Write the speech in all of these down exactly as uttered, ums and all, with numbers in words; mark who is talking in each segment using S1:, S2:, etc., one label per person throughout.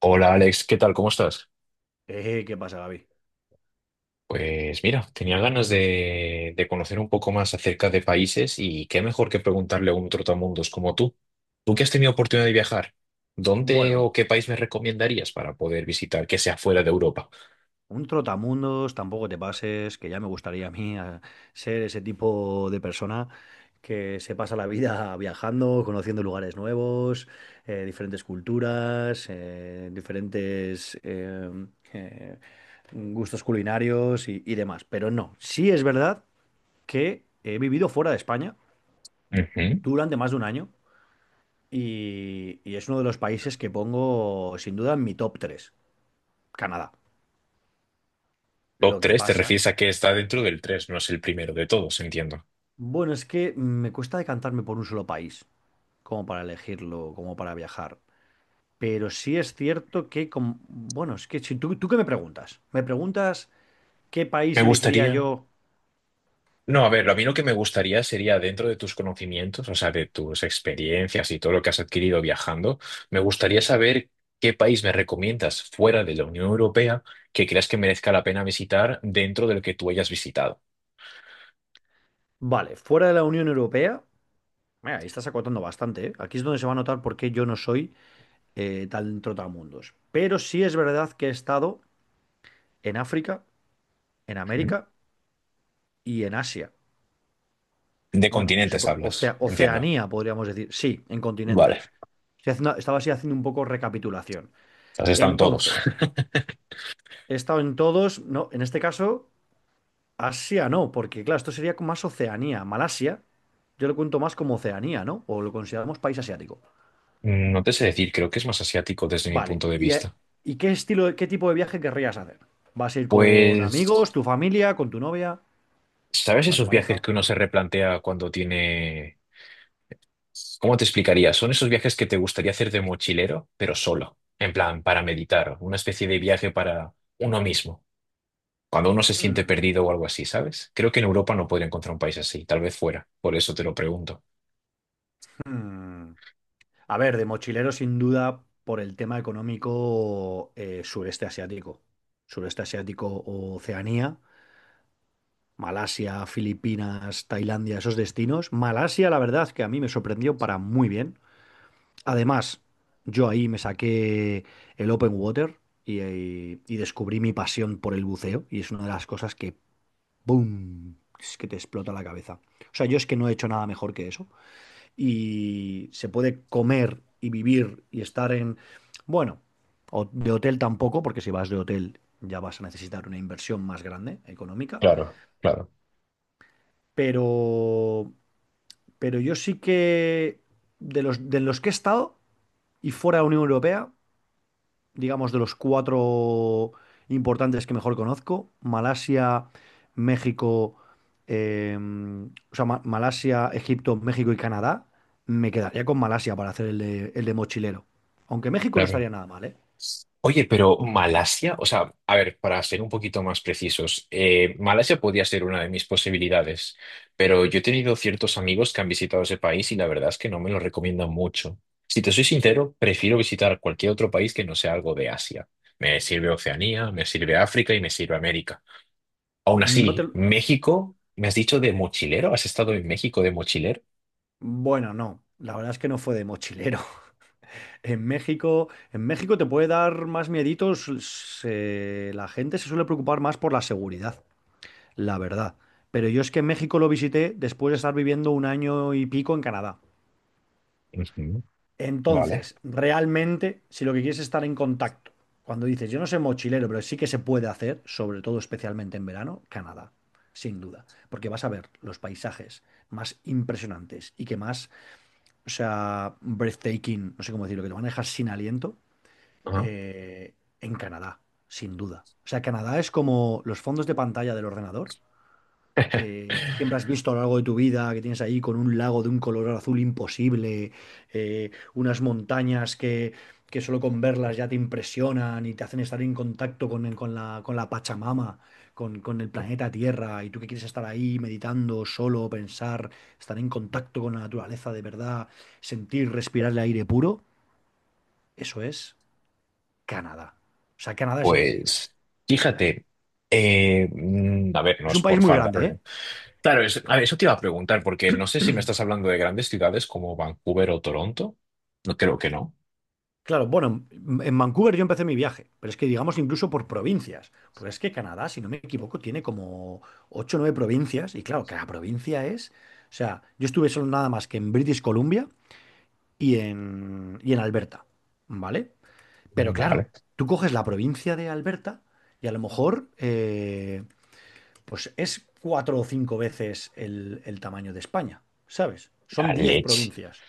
S1: Hola Alex, ¿qué tal? ¿Cómo estás?
S2: Eh, ¿qué pasa, Gaby?
S1: Pues mira, tenía ganas de, de conocer un poco más acerca de países y qué mejor que preguntarle a un trotamundos como tú. Tú que has tenido oportunidad de viajar, ¿dónde o
S2: Bueno,
S1: qué país me recomendarías para poder visitar que sea fuera de Europa?
S2: un trotamundos, tampoco te pases, que ya me gustaría a mí a ser ese tipo de persona que se pasa la vida viajando, conociendo lugares nuevos, eh, diferentes culturas, eh, diferentes eh, eh, gustos culinarios y, y demás. Pero no, sí es verdad que he vivido fuera de España
S1: Ujú.
S2: durante más de un año y, y es uno de los países que pongo sin duda en mi top tres. Canadá.
S1: Top
S2: Lo que
S1: tres. Te
S2: pasa.
S1: refieres a que está dentro del tres, no es el primero de todos, entiendo.
S2: Bueno, es que me cuesta decantarme por un solo país, como para elegirlo, como para viajar. Pero sí es cierto que, com- bueno, es que si tú, tú qué me preguntas, me preguntas qué
S1: Me
S2: país elegiría
S1: gustaría.
S2: yo,
S1: No, a ver, a mí lo que me gustaría sería dentro de tus conocimientos, o sea, de tus experiencias y todo lo que has adquirido viajando, me gustaría saber qué país me recomiendas fuera de la Unión Europea que creas que merezca la pena visitar dentro del que tú hayas visitado.
S2: vale, fuera de la Unión Europea, mira, ahí estás acotando bastante, ¿eh? Aquí es donde se va a notar por qué yo no soy eh, tan trotamundos. Pero sí es verdad que he estado en África, en
S1: ¿Mm?
S2: América y en Asia.
S1: De
S2: Bueno, si se
S1: continentes
S2: puede,
S1: hablas,
S2: Ocea-
S1: entiendo.
S2: Oceanía, podríamos decir, sí, en
S1: Vale,
S2: continentes. Estoy haciendo- estaba así haciendo un poco recapitulación.
S1: has estado en todos.
S2: Entonces, he estado en todos, no, en este caso, Asia no, porque claro, esto sería más Oceanía. Malasia, yo lo cuento más como Oceanía, ¿no? O lo consideramos país asiático.
S1: No te sé decir, creo que es más asiático desde mi
S2: Vale,
S1: punto de
S2: ¿y, eh,
S1: vista.
S2: ¿y qué estilo, de- qué tipo de viaje querrías hacer? ¿Vas a ir con
S1: Pues,
S2: amigos, tu familia, con tu novia,
S1: ¿sabes
S2: o sea, tu
S1: esos viajes
S2: pareja?
S1: que uno se replantea cuando tiene? ¿Cómo te explicaría? Son esos viajes que te gustaría hacer de mochilero, pero solo, en plan, para meditar, una especie de viaje para uno mismo, cuando uno se siente
S2: Hmm,
S1: perdido o algo así, ¿sabes? Creo que en Europa no podría encontrar un país así, tal vez fuera, por eso te lo pregunto.
S2: hmm. A ver, de mochilero sin duda por el tema económico eh, sureste asiático. Sureste asiático, o Oceanía, Malasia, Filipinas, Tailandia, esos destinos. Malasia, la verdad, que a mí me sorprendió para muy bien. Además, yo ahí me saqué el open water y, y- y descubrí mi pasión por el buceo. Y es una de las cosas que, ¡boom! Es que te explota la cabeza. O sea, yo es que no he hecho nada mejor que eso y se puede comer y vivir y estar en, bueno, o- de hotel tampoco, porque si vas de hotel ya vas a necesitar una inversión más grande económica,
S1: Claro, claro,
S2: pero, pero yo sí que de los, de los que he estado y fuera de la Unión Europea, digamos, de los cuatro importantes que mejor conozco, Malasia, México, eh, o sea, Ma- Malasia, Egipto, México y Canadá, me quedaría con Malasia para hacer el de, el de mochilero. Aunque México no
S1: claro.
S2: estaría nada mal, ¿eh?
S1: Oye, pero Malasia, o sea, a ver, para ser un poquito más precisos, eh, Malasia podría ser una de mis posibilidades, pero yo he tenido ciertos amigos que han visitado ese país y la verdad es que no me lo recomiendan mucho. Si te soy sincero, prefiero visitar cualquier otro país que no sea algo de Asia. Me sirve Oceanía, me sirve África y me sirve América. Aún
S2: No te...
S1: así,
S2: lo-
S1: México, ¿me has dicho de mochilero? ¿Has estado en México de mochilero?
S2: Bueno, no. La verdad es que no fue de mochilero. En México, en México te puede dar más mieditos. Se- la gente se suele preocupar más por la seguridad. La verdad. Pero yo es que México lo visité después de estar viviendo un año y pico en Canadá.
S1: Ujú. Vale.
S2: Entonces, realmente, si lo que quieres es estar en contacto, cuando dices, yo no soy mochilero, pero sí que se puede hacer, sobre todo especialmente en verano, Canadá, sin duda, porque vas a ver los paisajes más impresionantes y que más, o sea, breathtaking, no sé cómo decirlo, que te van a dejar sin aliento,
S1: Ajá.
S2: eh, en Canadá, sin duda. O sea, Canadá es como los fondos de pantalla del ordenador eh, siempre has visto a lo largo de tu vida, que tienes ahí con un lago de un color azul imposible, eh, unas montañas que, que solo con verlas ya te impresionan y te hacen estar en contacto con, el- con la, con la Pachamama, con, con el planeta Tierra, y tú que quieres estar ahí meditando, solo, pensar, estar en contacto con la naturaleza de verdad, sentir, respirar el aire puro, eso es Canadá. O sea, Canadá es increíble.
S1: Pues fíjate, eh, mm, a ver, no
S2: Es
S1: es
S2: un país
S1: por
S2: muy grande,
S1: fardar.
S2: ¿eh?
S1: Claro, es, a ver, eso te iba a preguntar, porque no sé si me estás hablando de grandes ciudades como Vancouver o Toronto. No creo que no.
S2: Claro, bueno, en en Vancouver yo empecé mi viaje, pero es que digamos incluso por provincias, pues es que Canadá, si no me equivoco, tiene como ocho o nueve provincias, y claro, cada provincia es, o sea, yo estuve solo nada más que en British Columbia y en, y en Alberta, ¿vale? Pero
S1: Mm.
S2: claro,
S1: Vale.
S2: tú coges la provincia de Alberta y a lo mejor, eh, pues es cuatro o cinco veces el, el tamaño de España, ¿sabes? Son
S1: La
S2: diez
S1: leche.
S2: provincias.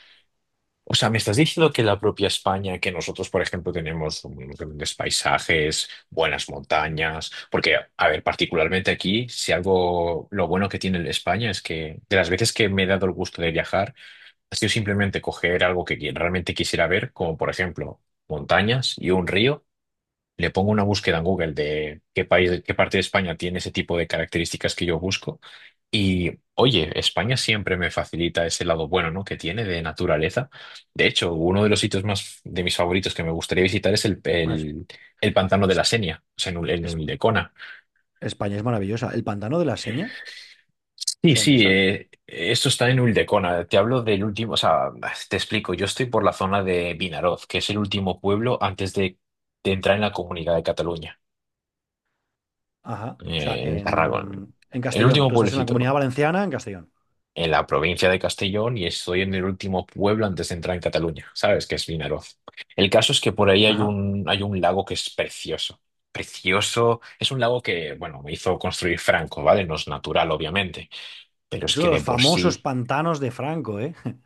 S1: O sea, me estás diciendo que la propia España, que nosotros, por ejemplo, tenemos unos grandes paisajes, buenas montañas, porque, a ver, particularmente aquí, si algo, lo bueno que tiene España es que de las veces que me he dado el gusto de viajar, ha sido simplemente coger algo que qui- realmente quisiera ver, como por ejemplo montañas y un río. Le pongo una búsqueda en Google de qué país, qué parte de España tiene ese tipo de características que yo busco. Y oye, España siempre me facilita ese lado bueno, ¿no? Que tiene de naturaleza. De hecho, uno de los sitios más de mis favoritos que me gustaría visitar es el,
S2: Bueno, es-
S1: el, el pantano de
S2: es-
S1: la Senia, o sea, en, Ul- en
S2: es-
S1: Ulldecona.
S2: España es maravillosa. El pantano de la Seña.
S1: Sí,
S2: ¿Eso dónde
S1: sí,
S2: está?
S1: eh, esto está en Ulldecona. Te hablo del último, o sea, te explico. Yo estoy por la zona de Vinaroz, que es el último pueblo antes de, de entrar en la Comunidad de Cataluña,
S2: Ajá. O sea,
S1: eh, en Tarragona.
S2: en, en
S1: El
S2: Castellón.
S1: último
S2: Tú estás en la Comunidad
S1: pueblecito
S2: Valenciana, en Castellón.
S1: en la provincia de Castellón y estoy en el último pueblo antes de entrar en Cataluña, ¿sabes? Que es Vinaroz. El caso es que por ahí hay
S2: Ajá.
S1: un, hay un lago que es precioso. Precioso. Es un lago que, bueno, me hizo construir Franco, ¿vale? No es natural, obviamente, pero es
S2: Es uno
S1: que
S2: de
S1: de
S2: los
S1: por
S2: famosos
S1: sí.
S2: pantanos de Franco, ¿eh?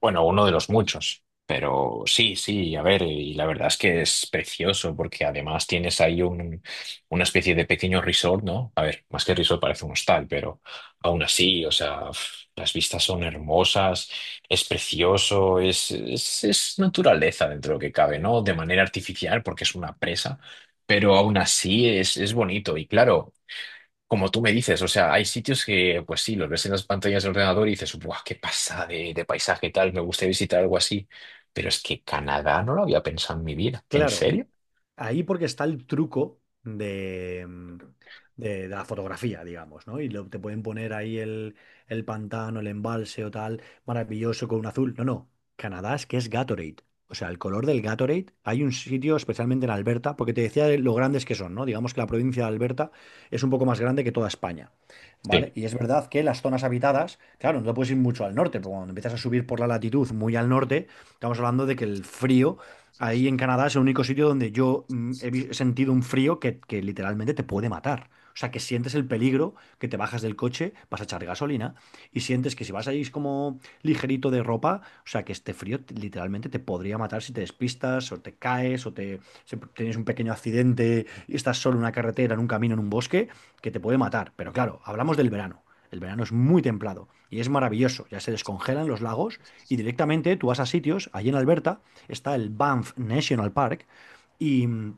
S1: Bueno, uno de los muchos, pero sí, sí, a ver, y la verdad es que es precioso porque además tienes ahí un, una especie de pequeño resort, ¿no? A ver, más que resort parece un hostal, pero aún así, o sea, pf, las vistas son hermosas, es precioso, es, es, es naturaleza dentro de lo que cabe, ¿no? De manera artificial porque es una presa, pero aún así es, es bonito y claro. Como tú me dices, o sea, hay sitios que, pues sí, los ves en las pantallas del ordenador y dices, ¡buah, qué pasada de, de paisaje tal! Me gusta visitar algo así. Pero es que Canadá no lo había pensado en mi vida. ¿En
S2: Claro.
S1: serio?
S2: Ahí porque está el truco de, mm, de de la fotografía, digamos, ¿no? Y lo- te pueden poner ahí el, el pantano, el embalse o tal, maravilloso con un azul. No, no. Canadá es que es Gatorade. O sea, el color del Gatorade, hay un sitio, especialmente en Alberta, porque te decía de lo grandes que son, ¿no? Digamos que la provincia de Alberta es un poco más grande que toda España, ¿vale?
S1: Sí,
S2: Y es verdad que las zonas habitadas, claro, no te puedes ir mucho al norte, pero cuando empiezas a subir por la latitud muy al norte, estamos hablando de que el frío. Ahí en Canadá es el único sitio donde yo mm, he vi- he sentido un frío que, que literalmente te puede matar. O sea, que sientes el peligro, que te bajas del coche, vas a echar gasolina y sientes que si vas ahí como ligerito de ropa, o sea, que este frío te- literalmente te podría matar si te despistas o te caes o te, si tienes un pequeño accidente y estás solo en una carretera, en un camino, en un bosque, que te puede matar. Pero claro, hablamos del verano. El verano es muy templado y es maravilloso. Ya se descongelan los lagos y directamente tú vas a sitios, allí en Alberta está el Banff National Park y mm,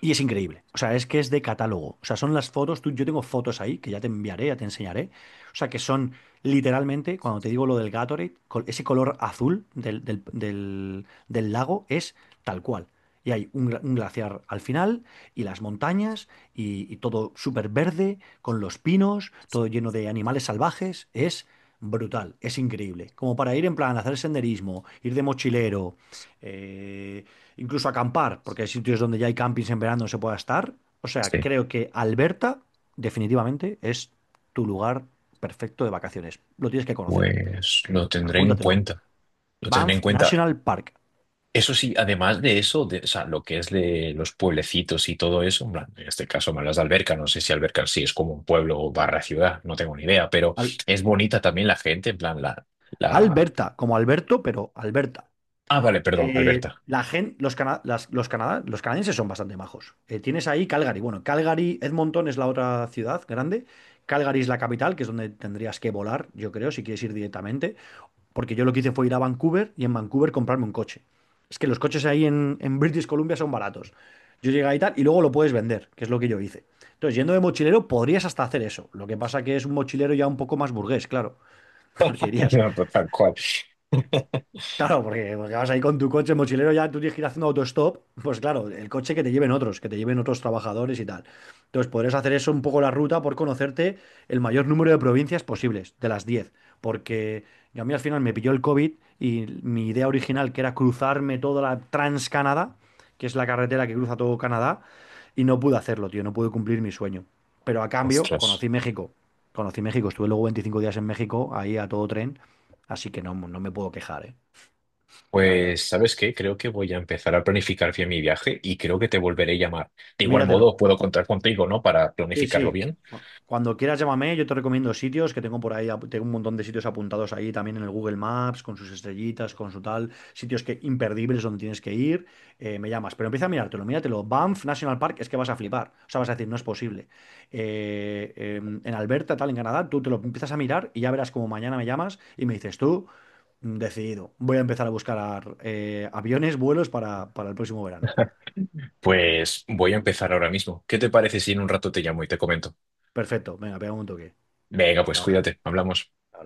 S2: y es increíble. O sea, es que es de catálogo. O sea, son las fotos. Tú, yo tengo fotos ahí que ya te enviaré, ya te enseñaré. O sea, que son literalmente, cuando te digo lo del Gatorade, col- ese color azul del, del- del- del lago es tal cual. Y hay un, gla- un glaciar al final, y las montañas, y, y todo súper verde, con los pinos, todo lleno de animales salvajes. Es brutal, es increíble. Como para ir en plan, hacer senderismo, ir de mochilero, eh, incluso acampar, porque hay sitios donde ya hay campings en verano donde se pueda estar. O sea,
S1: sí.
S2: creo que Alberta definitivamente es tu lugar perfecto de vacaciones. Lo tienes que conocer.
S1: Pues lo tendré en
S2: Apúntatelo.
S1: cuenta, lo tendré en
S2: Banff
S1: cuenta.
S2: National Park.
S1: Eso sí, además de eso, de, o sea, lo que es de los pueblecitos y todo eso, en plan, en este caso me hablas de Alberca, no sé si Alberca sí es como un pueblo barra ciudad, no tengo ni idea, pero
S2: Al-
S1: es bonita también la gente, en plan, la, la...
S2: Alberta, como Alberto, pero Alberta.
S1: Ah, vale, perdón,
S2: Eh,
S1: Alberta.
S2: la gen- los, cana- las- los, Canadá- Los canadienses son bastante majos. Eh, tienes ahí Calgary. Bueno, Calgary, Edmonton es la otra ciudad grande. Calgary es la capital, que es donde tendrías que volar, yo creo, si quieres ir directamente. Porque yo lo que hice fue ir a Vancouver y en Vancouver comprarme un coche. Es que los coches ahí en, en British Columbia son baratos. Yo llegué ahí tal y luego lo puedes vender, que es lo que yo hice. Entonces, yendo de mochilero, podrías hasta hacer eso. Lo que pasa que es un mochilero ya un poco más burgués, claro. Porque irías
S1: Tal cual.
S2: Claro, porque, porque vas ahí con tu coche mochilero, ya tú tienes que ir haciendo autostop, pues claro, el coche que te lleven otros, que te lleven otros trabajadores y tal. Entonces podrás hacer eso un poco la ruta por conocerte el mayor número de provincias posibles, de las diez, porque yo a mí al final me pilló el COVID y mi idea original, que era cruzarme toda la Trans-Canadá, que es la carretera que cruza todo Canadá, y no pude hacerlo, tío, no pude cumplir mi sueño. Pero a cambio,
S1: Ostras.
S2: conocí México, conocí México, estuve luego veinticinco días en México, ahí a todo tren, así que no, no me puedo quejar, ¿eh? La verdad.
S1: Pues, ¿sabes qué? Creo que voy a empezar a planificar bien mi viaje y creo que te volveré a llamar. De igual modo,
S2: Míratelo.
S1: puedo contar contigo, ¿no? Para
S2: Sí,
S1: planificarlo
S2: sí.
S1: bien.
S2: Cu- Cuando quieras llámame, yo te recomiendo sitios que tengo por ahí, ap- tengo un montón de sitios apuntados ahí también en el Google Maps, con sus estrellitas, con su tal, sitios que imperdibles donde tienes que ir, eh, me llamas, pero empieza a mirártelo, míratelo. Banff National Park es que vas a flipar, o sea, vas a decir, no es posible. Eh, eh, en Alberta, tal, en Canadá, tú te lo empiezas a mirar y ya verás como mañana me llamas y me dices tú, mm, decidido, voy a empezar a buscar eh, aviones, vuelos para, para el próximo verano.
S1: Pues voy a empezar ahora mismo. ¿Qué te parece si en un rato te llamo y te comento?
S2: Perfecto, venga, pega un toque.
S1: Venga,
S2: Hasta
S1: pues
S2: ahora. Hasta
S1: cuídate, hablamos.
S2: ahora.